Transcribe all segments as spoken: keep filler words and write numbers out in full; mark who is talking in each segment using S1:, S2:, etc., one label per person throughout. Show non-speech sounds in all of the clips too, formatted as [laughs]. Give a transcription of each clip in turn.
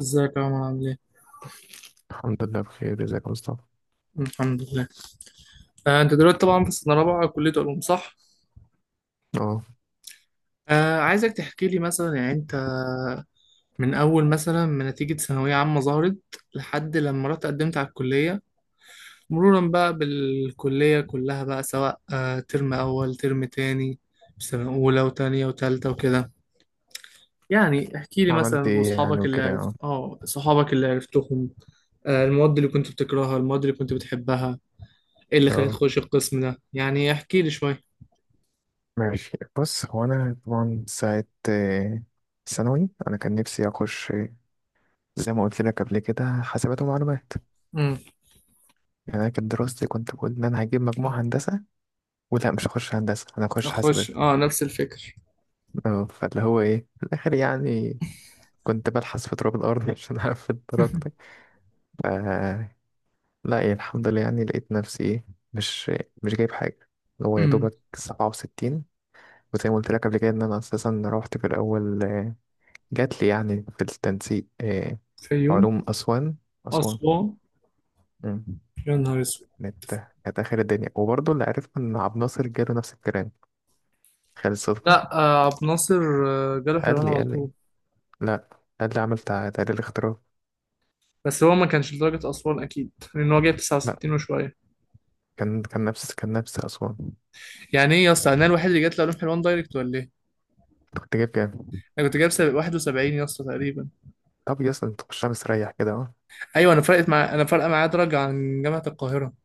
S1: ازيك يا عمر عامل ايه؟
S2: الحمد لله بخير. ازيك يا مصطفى؟
S1: الحمد لله. آه، انت دلوقتي طبعا في سنة رابعة كلية علوم صح؟
S2: اه
S1: آه، عايزك تحكي لي مثلا يعني انت من اول مثلا ما نتيجة ثانوية عامة ظهرت لحد لما رحت قدمت على الكلية، مرورا بقى بالكلية كلها بقى، سواء آه ترم اول ترم تاني سنة اولى وتانية وتالتة وكده. يعني احكي لي مثلا
S2: عملت ايه يعني
S1: واصحابك اللي
S2: وكده.
S1: عرفت،
S2: اه
S1: اه صحابك اللي عرفتهم، آه المواد اللي كنت بتكرهها المواد اللي كنت بتحبها، ايه اللي خلاك
S2: اه
S1: تخش القسم ده. يعني احكي لي شوية.
S2: ماشي، بص، هو انا طبعا ساعة آه، ثانوي انا كان نفسي اخش آه، زي ما قلت لك قبل كده، حاسبات ومعلومات.
S1: امم.
S2: يعني انا كانت دراستي، كنت بقول ان انا هجيب مجموع هندسة ولا مش هخش هندسة، انا هخش
S1: اخش،
S2: حاسبات.
S1: اه، نفس الفكر.
S2: اه، فاللي هو ايه في الاخر يعني كنت بلحس في تراب الارض [laughs] عشان اقفل درجتي.
S1: [laughs]
S2: ف لا إيه، الحمد لله، يعني لقيت نفسي ايه، مش مش جايب حاجة، اللي هو يا
S1: امم.
S2: دوبك سبعة وستين. وزي ما قلت لك قبل كده ان انا اساسا روحت في الاول آه، جات لي يعني في التنسيق آه،
S1: فيوم.
S2: علوم اسوان. اسوان.
S1: اسوان.
S2: مم.
S1: يا نهار اسود.
S2: كانت كانت اخر الدنيا. وبرضه اللي عرفت ان عبد الناصر جاله نفس الكلام، خالد صدفه.
S1: لا آه، عبد الناصر آه، جاله حلوان
S2: قال لي
S1: على
S2: قال لي
S1: طول.
S2: لا، قال لي عمل تع- تقرير اختراع.
S1: بس هو ما كانش لدرجة أسوان أكيد لأن هو جايب
S2: لا،
S1: تسعة وستين وشوية.
S2: كان كان نفس كان نفس اسوان.
S1: يعني إيه يا اسطى، أنا الوحيد اللي جات له علوم حلوان دايركت ولا إيه؟
S2: أنت كنت جايب كام؟
S1: أنا كنت جايب سب- واحد وسبعين يا اسطى تقريبا.
S2: طب يا اسطى انت خشها مستريح كده، اه.
S1: أيوه، أنا فرقت مع، أنا فارقة معايا درجة عن جامعة القاهرة،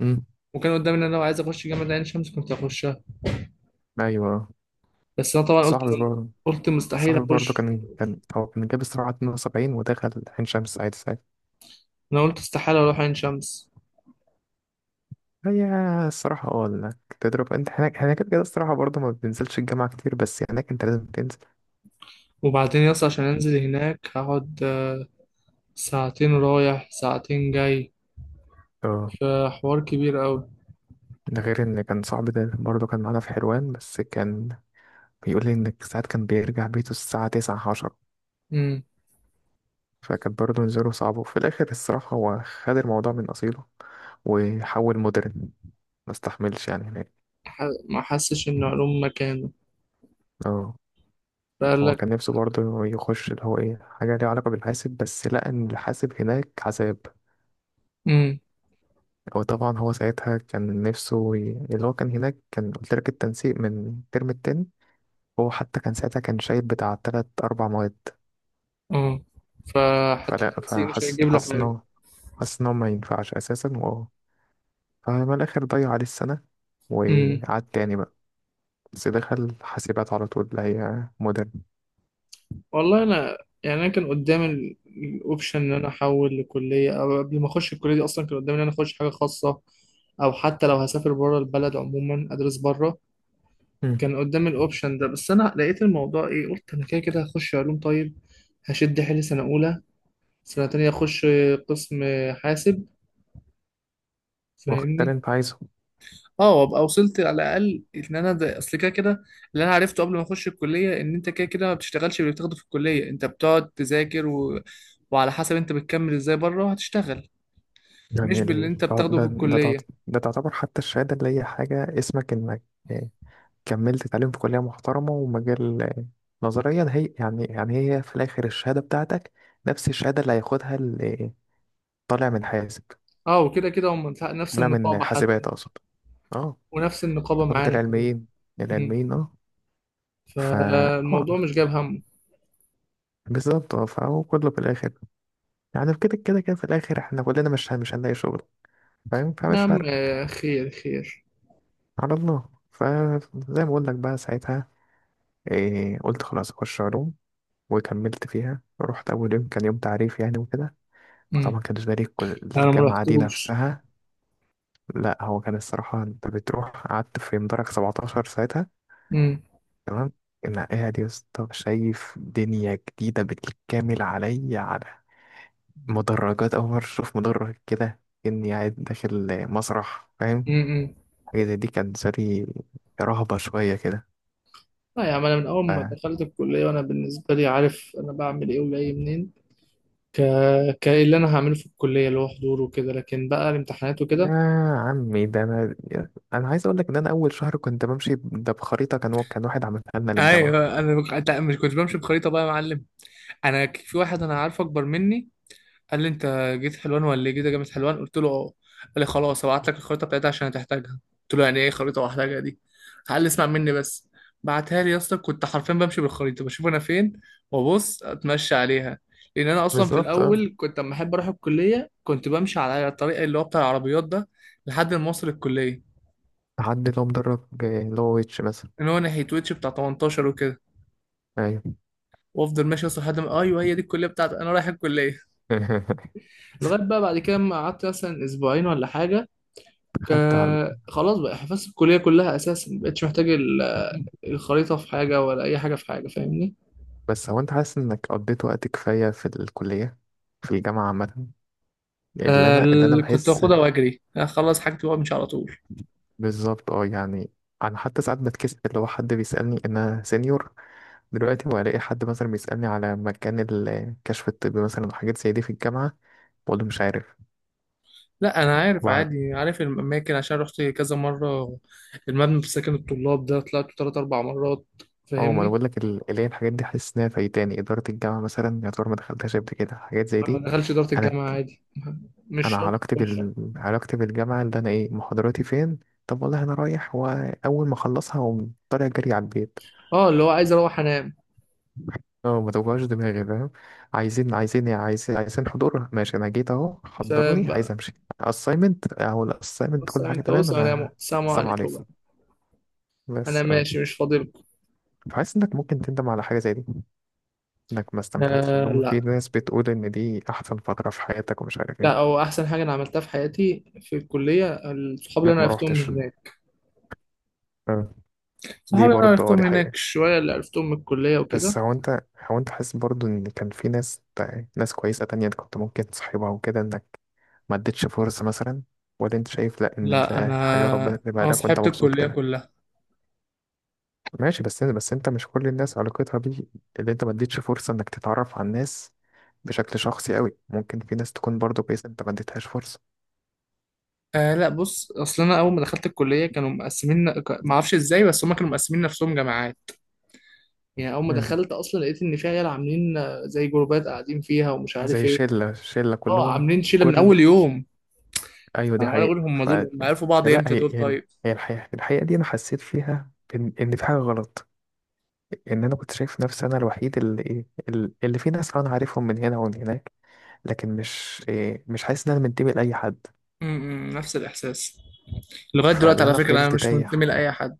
S2: امم.
S1: وكان قدامي إن أنا لو عايز أخش جامعة عين شمس كنت هخشها،
S2: ايوه.
S1: بس أنا طبعا قلت،
S2: صاحبي برضه،
S1: قلت مستحيل
S2: صاحبي برضه
S1: أخش.
S2: كان كان هو كان جاب الصراحه اثنين وسبعين ودخل عين شمس عادي.
S1: أنا قلت استحالة أروح عين شمس.
S2: هي الصراحة اه انك تضرب انت هناك، هناك كده كده الصراحة برضه ما بتنزلش الجامعة كتير، بس هناك انت لازم تنزل.
S1: وبعدين يا اسطى عشان أنزل هناك هقعد ساعتين رايح ساعتين جاي،
S2: اه،
S1: فحوار كبير أوي.
S2: ده غير ان كان صاحبي ده برضه كان معانا في حلوان، بس كان بيقول لي ان ساعات كان بيرجع بيته الساعة تسعة، عشرة.
S1: امم.
S2: فكانت برضه نزوله صعبة، وفي الآخر الصراحة هو خد الموضوع من أصيله وحول مودرن، ما استحملش يعني هناك.
S1: ح- ما حسش إن علوم مكانه.
S2: اه،
S1: فقال
S2: هو
S1: لك.
S2: كان نفسه برضه يخش اللي هو ايه حاجة ليها علاقة بالحاسب، بس لقى ان الحاسب هناك عذاب.
S1: امم.
S2: هو طبعا هو ساعتها كان نفسه ي... اللي هو كان هناك، كان قلت لك التنسيق من الترم التاني. هو حتى كان ساعتها كان شايل بتاع تلات أربع مواد.
S1: اه، فحتى
S2: فلا
S1: التنسيق مش
S2: فحس
S1: هيجيب له
S2: حس
S1: حاجة.
S2: إنه، حس إنه ما ينفعش أساسا و... فما الآخر ضيع عليه السنة
S1: امم.
S2: وقعد تاني بقى. بس دخل حاسبات على طول اللي هي مودرن.
S1: والله أنا، يعني أنا كان قدامي الأوبشن إن أنا أحول لكلية، أو قبل ما أخش الكلية دي أصلا كان قدامي إن أنا أخش حاجة خاصة، أو حتى لو هسافر بره البلد عموما أدرس بره.
S2: مم.
S1: كان قدامي الأوبشن ده، بس أنا لقيت الموضوع إيه، قلت أنا كده كده هخش علوم. طيب، هشد حيلي سنة أولى، سنة تانية أخش قسم حاسب.
S2: واخد اللي
S1: فاهمني؟
S2: أنت عايزه.
S1: اه، وابقى وصلت على الأقل إن أنا ده أصل كده كده. اللي أنا عرفته قبل ما أخش الكلية إن أنت كده كده ما بتشتغلش باللي بتاخده في الكلية، أنت بتقعد تذاكر و... وعلى حسب أنت بتكمل إزاي بره هتشتغل، مش
S2: يعني
S1: باللي
S2: ال...
S1: أنت
S2: ده
S1: بتاخده في
S2: ده ده تعت-
S1: الكلية.
S2: ده تعتبر حتى الشهادة اللي هي حاجة، اسمك إنك كملت تعليم في كلية محترمة ومجال. نظريا هي يعني يعني هي في الآخر الشهادة بتاعتك نفس الشهادة اللي هياخدها اللي طالع من حاسب،
S1: اه، وكده كده هم نفس
S2: طالع من
S1: النقابة حتى.
S2: حاسبات أقصد. اه،
S1: ونفس النقابة
S2: ثقافة
S1: معانا كمان.
S2: العلميين.
S1: مم.
S2: العلميين، اه. فا اه
S1: فالموضوع مش جاب همه.
S2: بالظبط اه، فهو كله في الآخر يعني في كده كده كده في الآخر احنا كلنا مش مش هنلاقي شغل، فاهم،
S1: يا
S2: فمش
S1: عم
S2: فارق.
S1: آه، خير خير.
S2: على الله. فزي ما بقول لك بقى ساعتها إيه، قلت خلاص أخش علوم. وكملت فيها، رحت أول يوم كان يوم تعريف يعني وكده.
S1: مم.
S2: فطبعا كان بالنسبة لي كل-
S1: أنا ما
S2: الجامعة دي
S1: رحتوش.
S2: نفسها. لا، هو كان الصراحة انت بتروح قعدت في مدرج سبعة عشر ساعتها.
S1: مم.
S2: تمام. انا قاعد يا اسطى شايف دنيا جديدة بالكامل عليا، على مدرجات، أول مرة أشوف مدرج كده، إني قاعد داخل مسرح، فاهم،
S1: مم.
S2: حاجة زي دي كانت بالنسبة لي رهبة شوية كده.
S1: لا يا عم، انا من اول
S2: ف...
S1: ما دخلت الكليه وانا بالنسبه لي عارف انا بعمل ايه وجاي منين. ك ك اللي انا هعمله في الكليه اللي هو حضور وكده، لكن بقى الامتحانات
S2: يا
S1: وكده.
S2: عمي ده أنا، أنا عايز أقول لك إن أنا أول شهر كنت بمشي ده بخريطة، كان كان واحد عملها لنا للجامعة.
S1: ايوه انا بق- أنت مش كنت بمشي بخريطه بقى يا معلم؟ انا ك- في واحد انا عارفه اكبر مني، قال لي انت جيت حلوان ولا ايه؟ جيت جامعة حلوان، قلت له اه. قال لي خلاص هبعت لك الخريطه بتاعتها عشان هتحتاجها، قلت له يعني ايه خريطه واحتاجها دي؟ قال لي اسمع مني بس. بعتها لي يا اسطى، كنت حرفيا بمشي بالخريطه بشوف انا فين وابص اتمشى عليها. لان انا اصلا في
S2: بالظبط.
S1: الاول كنت لما احب اروح الكليه كنت بمشي على الطريق اللي هو بتاع العربيات ده لحد ما اوصل الكليه.
S2: تحدي اللي هو مدرب آه، اللي هو ويتش مثلا.
S1: ان هو ناحيه ويتش بتاع تمنتاشر وكده.
S2: ايوه.
S1: وافضل ماشي اصلا لحد ما ايوه هي دي الكليه بتاعتي انا رايح الكليه.
S2: [laughs]
S1: لغايه بقى بعد كده ما قعدت مثلا اسبوعين ولا حاجه، ك...
S2: خدت على.
S1: خلاص بقى حفظت الكلية كلها أساسا، ما بقتش محتاج ال- الخريطة في حاجة ولا أي حاجة في حاجة. فاهمني؟
S2: بس هو انت حاسس انك قضيت وقت كفاية في الكلية، في الجامعة عامة، اللي
S1: آه
S2: انا اللي انا
S1: ال- كنت
S2: بحس.
S1: باخدها وأجري أخلص حاجتي وأمشي على طول.
S2: بالظبط اه، يعني انا حتى ساعات بتكسف اللي هو حد بيسألني، انا سينيور دلوقتي، والاقي حد مثلا بيسألني على مكان الكشف الطبي مثلا وحاجات زي دي في الجامعة، بقول له مش عارف.
S1: لا أنا عارف
S2: وبعد
S1: عادي، عارف الأماكن عشان رحت كذا مرة. المبنى في سكن الطلاب ده طلعت تلات أربع مرات.
S2: اه، ما انا
S1: فاهمني؟
S2: بقول لك ال- اللي هي الحاجات دي حاسس انها فايتاني، اداره الجامعه مثلا يا ترى ما دخلتهاش قبل كده حاجات زي
S1: ما
S2: دي.
S1: دخلش إدارة
S2: انا
S1: الجامعة عادي، مش
S2: انا
S1: شرط
S2: علاقتي
S1: تخش.
S2: بال علاقتي بالجامعه اللي انا ايه محاضراتي فين، طب والله انا رايح واول ما اخلصها اقوم طالع جري على البيت.
S1: اه، اللي هو عايز أروح أنام.
S2: اه، ما توجعش دماغي، فاهم. عايزين عايزين عايزين عايزين حضور، ماشي، انا جيت اهو،
S1: سلام
S2: حضروني، عايز
S1: بقى.
S2: امشي. اساينمنت او الاساينمنت
S1: بص
S2: كل حاجه
S1: أنت،
S2: تمام
S1: وسلام،
S2: انا.
S1: السلام
S2: السلام
S1: عليكم بقى.
S2: عليكم.
S1: أنا
S2: بس اه،
S1: ماشي مش فاضلكم.
S2: فحاسس انك ممكن تندم على حاجه زي دي، انك ما استمتعتش، اللي
S1: آه
S2: هم في
S1: لا.
S2: ناس بتقول ان دي احسن فتره في حياتك ومش عارف
S1: لا،
S2: ايه،
S1: هو احسن حاجه انا عملتها في حياتي في الكليه، الصحاب اللي
S2: انك
S1: انا
S2: ما
S1: عرفتهم من
S2: روحتش.
S1: هناك.
S2: اه. دي
S1: صحاب اللي انا
S2: برضه اه،
S1: عرفتهم
S2: دي
S1: من
S2: حقيقه.
S1: هناك شويه، اللي عرفتهم من الكليه وكده.
S2: بس هو انت هو انت حاسس برضو ان كان في ناس، ناس كويسة تانية انت كنت ممكن تصاحبها وكده، انك ما اديتش فرصة مثلا، ولا انت شايف لا ان
S1: لا
S2: ده حاجة ربنا
S1: انا،
S2: كاتبها
S1: انا
S2: لك وانت
S1: صاحبت
S2: مبسوط
S1: الكليه
S2: كده.
S1: كلها.
S2: ماشي، بس بس انت مش كل الناس علاقتها بيه، اللي انت ما اديتش فرصة انك تتعرف على الناس بشكل شخصي قوي، ممكن في ناس تكون برضو كويسة انت ما اديتهاش فرصة.
S1: آه لا، بص، اصل انا اول ما دخلت الكليه كانوا مقسمين. ما اعرفش ازاي، بس هم كانوا مقسمين نفسهم جماعات. يعني اول ما
S2: مم.
S1: دخلت اصلا لقيت ان في عيال عاملين آه، زي جروبات قاعدين فيها ومش عارف
S2: زي
S1: ايه.
S2: شلة، شلة
S1: اه،
S2: كلهم.
S1: عاملين شله من
S2: كل
S1: اول يوم.
S2: ايوه دي
S1: انا عمال اقول
S2: حقيقة.
S1: هم
S2: ف...
S1: دول ما عرفوا بعض
S2: لا
S1: امتى
S2: هي
S1: دول
S2: هي
S1: طيب.
S2: هي الحقيقة، الحقيقة دي انا حسيت فيها ان ان في حاجة غلط، ان انا كنت شايف نفسي انا الوحيد اللي ايه ال- اللي في ناس انا عارفهم من هنا ومن هناك، لكن مش إيه، مش حاسس ان انا منتمي لاي حد.
S1: م- م، نفس الاحساس. لغاية دلوقتي
S2: فاللي
S1: على
S2: انا
S1: فكرة أنا
S2: فضلت
S1: مش
S2: تايه.
S1: منتمي لأي حد.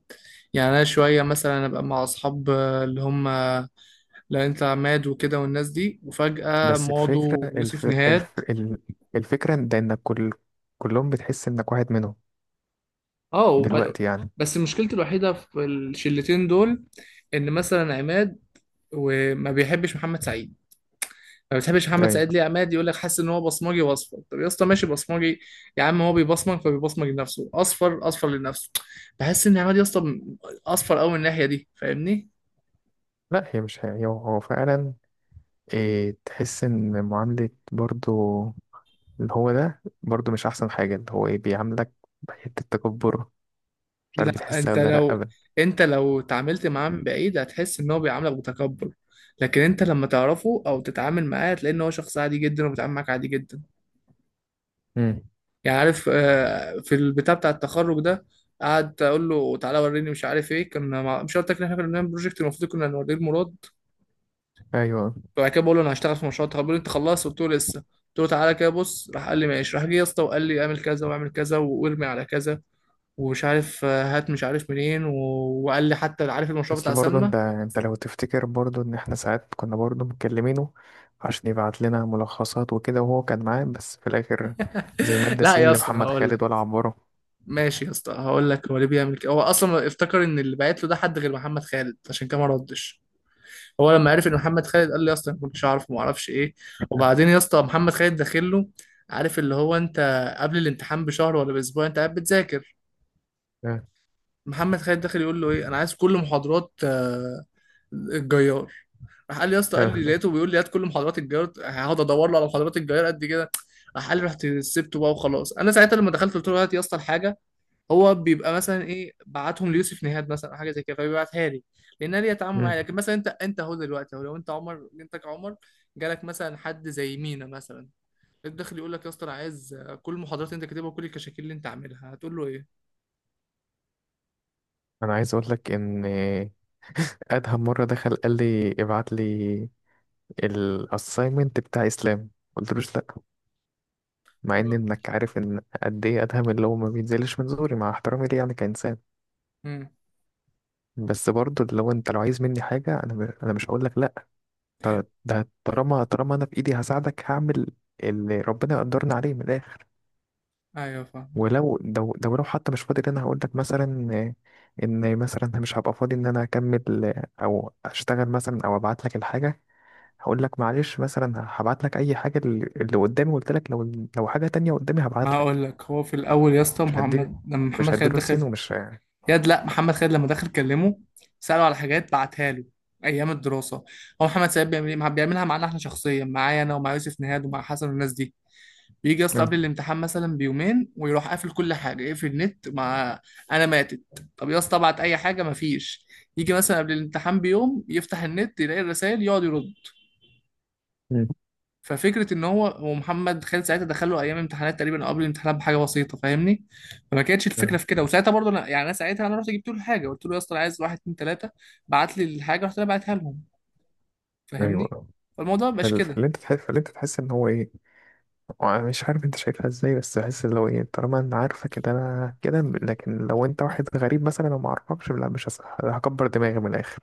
S1: يعني أنا شوية مثلا أبقى مع أصحاب آه، اللي هم لا أنت عماد وكده والناس دي، وفجأة
S2: بس الفكره
S1: ماضو
S2: الف...
S1: ويوسف نهاد.
S2: الف... ال- الفكره إن ده انك كل كلهم بتحس انك واحد منهم
S1: اه وب...
S2: دلوقتي يعني.
S1: بس مشكلتي الوحيدة في الشلتين دول إن مثلا عماد وما بيحبش محمد سعيد. ما بتحبش محمد
S2: ايوه.
S1: سعيد ليه يا عماد؟ يقول لك حاسس ان هو بصمجي واصفر. طب يا اسطى ماشي بصمجي، يا عم هو بيبصمج فبيبصمج لنفسه، اصفر اصفر لنفسه. بحس ان عماد يا اسطى اصفر قوي من الناحيه دي، فاهمني؟
S2: لا هي مش هي هو هو فعلا إيه، تحس ان معامله برضو اللي هو ده برضو مش احسن حاجه، اللي هو ايه بيعاملك بحته تكبر، مش عارف
S1: لا
S2: بتحسها
S1: انت
S2: ولا لا
S1: لو،
S2: ابدا.
S1: انت لو تعاملت معاه من بعيد هتحس ان هو بيعاملك بتكبر، لكن انت لما تعرفه او تتعامل معاه هتلاقي ان هو شخص عادي جدا وبيتعامل معاك عادي جدا.
S2: امم.
S1: يعني عارف آه، في البتاع بتاع التخرج ده، قعد اقول له تعالى وريني مش عارف ايه، كنا مع... مش قلت لك ان احنا كنا بنعمل بروجكت المفروض كنا نوريه لمراد؟
S2: ايوه.
S1: فبعد كده بقول له انا هشتغل في مشروع التخرج، بيقول لي انت خلصت؟ قلت له لسه، قلت له تعالى كده بص. راح قال لي ماشي، راح جه يا اسطى وقال لي اعمل كذا واعمل كذا وارمي على كذا، ومش عارف آه، هات مش عارف منين و... وقال لي حتى عارف المشروع
S2: بس
S1: بتاع
S2: برضه
S1: سلمى.
S2: انت، انت لو تفتكر برضه ان احنا ساعات كنا برضه مكلمينه عشان يبعت لنا ملخصات وكده وهو كان معاه، بس في الاخر زي
S1: [laughs]
S2: مادة
S1: لا
S2: سين
S1: يا اسطى
S2: لمحمد
S1: هقول لك.
S2: خالد ولا عبره.
S1: ماشي يا اسطى هقول لك هو ليه بيعمل كده. هو اصلا افتكر ان اللي بعت له ده حد غير محمد خالد عشان كده ما ردش. هو لما عرف ان محمد خالد قال لي يا اسطى أنا ما كنتش اعرف، ما اعرفش ايه. وبعدين يا اسطى محمد خالد داخل له، عارف اللي هو انت قبل الامتحان بشهر ولا باسبوع انت قاعد بتذاكر،
S2: اه،
S1: محمد خالد داخل يقول له ايه، انا عايز كل محاضرات آه، الجيار. راح قال لي يا اسطى، قال
S2: اه.
S1: لي
S2: [laughs]
S1: لقيته بيقول لي هات كل محاضرات الجيار، هقعد ادور له على محاضرات الجيار قد كده؟ راح قال لي رحت سبته بقى وخلاص. انا ساعتها لما دخلت قلت له هات يا اسطى الحاجه، هو بيبقى مثلا ايه بعتهم ليوسف نيهاد مثلا او حاجه زي كده فبيبعتها لي لانها ليها تعامل
S2: مم.
S1: معايا. لكن مثلا انت، انت اهو دلوقتي اهو لو انت عمر، انت كعمر جالك مثلا حد زي مينا مثلا الداخل يقول لك يا اسطى انا عايز كل المحاضرات اللي انت كاتبها وكل الكشاكيل اللي انت عاملها، هتقول له ايه؟
S2: انا عايز اقول لك ان ادهم مرة دخل قال لي ابعت لي الاساينمنت بتاع اسلام، قلت له لا، مع ان انك عارف ان قد ايه ادهم اللي هو ما بينزلش من زوري مع احترامي ليه يعني كانسان.
S1: امم.
S2: بس برضه لو انت لو عايز مني حاجة انا انا مش هقول لك لا. ط- ده طالما، طالما انا في ايدي هساعدك، هعمل اللي ربنا يقدرني عليه من الاخر.
S1: ايوه فاهم.
S2: ولو لو لو لو حتى مش فاضي انا هقول لك مثلا آه، ان مثلا مش هبقى فاضي ان انا اكمل آه، او اشتغل مثلا او ابعت لك الحاجه، هقول لك معلش مثلا، هبعت لك اي حاجه، اللي اللي قدامي، قلت لك لو، لو حاجه تانية قدامي
S1: ما
S2: هبعت
S1: هقول
S2: لك.
S1: لك، هو في الاول يا اسطى
S2: مش هديله
S1: محمد، لما
S2: مش
S1: محمد خالد
S2: هديله سين
S1: دخل،
S2: ومش آه،
S1: ياد لا، محمد خالد لما دخل كلمه ساله على حاجات بعتها له ايام الدراسه. هو محمد سيد بيعمل إيه؟ بيعملها معانا احنا شخصيا، معايا انا ومع يوسف نهاد ومع حسن والناس دي، بيجي يا اسطى
S2: آه،
S1: قبل الامتحان مثلا بيومين ويروح قافل كل حاجه، يقفل النت مع. انا ماتت. طب يا اسطى ابعت اي حاجه، مفيش. يجي مثلا قبل الامتحان بيوم يفتح النت يلاقي الرسائل يقعد يرد. ففكره ان هو ومحمد خالد ساعتها دخله ايام امتحانات تقريبا أو قبل الامتحانات بحاجه بسيطه، فاهمني؟ فما كانتش
S2: آه،
S1: الفكره في كده. وساعتها برضه انا، يعني انا ساعتها انا رحت جبت له الحاجه، قلت له يا اسطى أنا عايز واحد اتنين تلاته، بعت لي الحاجه رحت انا بعتها لهم. فاهمني؟
S2: ايوه.
S1: فالموضوع مبقاش
S2: فال-
S1: كده.
S2: فاللي انت تحس فاللي انت تحس ان هو ايه، وانا مش عارف انت شايفها ازاي، بس بحس اللي هو ايه، طالما انا عارفه كده انا كده، لكن لو انت واحد غريب مثلا وما اعرفكش، لا مش هس- هكبر دماغي من الاخر.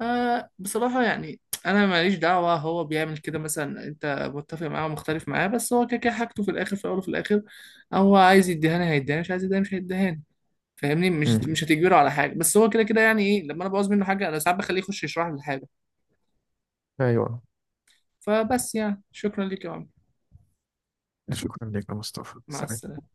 S1: آه بصراحة يعني، أنا ماليش دعوة هو بيعمل كده مثلا. أنت متفق معاه ومختلف معاه، بس هو كده كده حاجته في الآخر، في الأول وفي الآخر. هو عايز يديهاني هيديهاني، مش عايز يديهاني مش هيديهاني. فاهمني؟ مش
S2: مم.
S1: مش هتجبره على حاجة. بس هو كده كده، يعني إيه، لما أنا بعوز منه حاجة أنا ساعات بخليه يخش يشرح لي الحاجة.
S2: ايوه.
S1: فبس، يعني شكرا ليك يا عمرو.
S2: شكرا لك يا مصطفى،
S1: مع
S2: سلام.
S1: السلامة.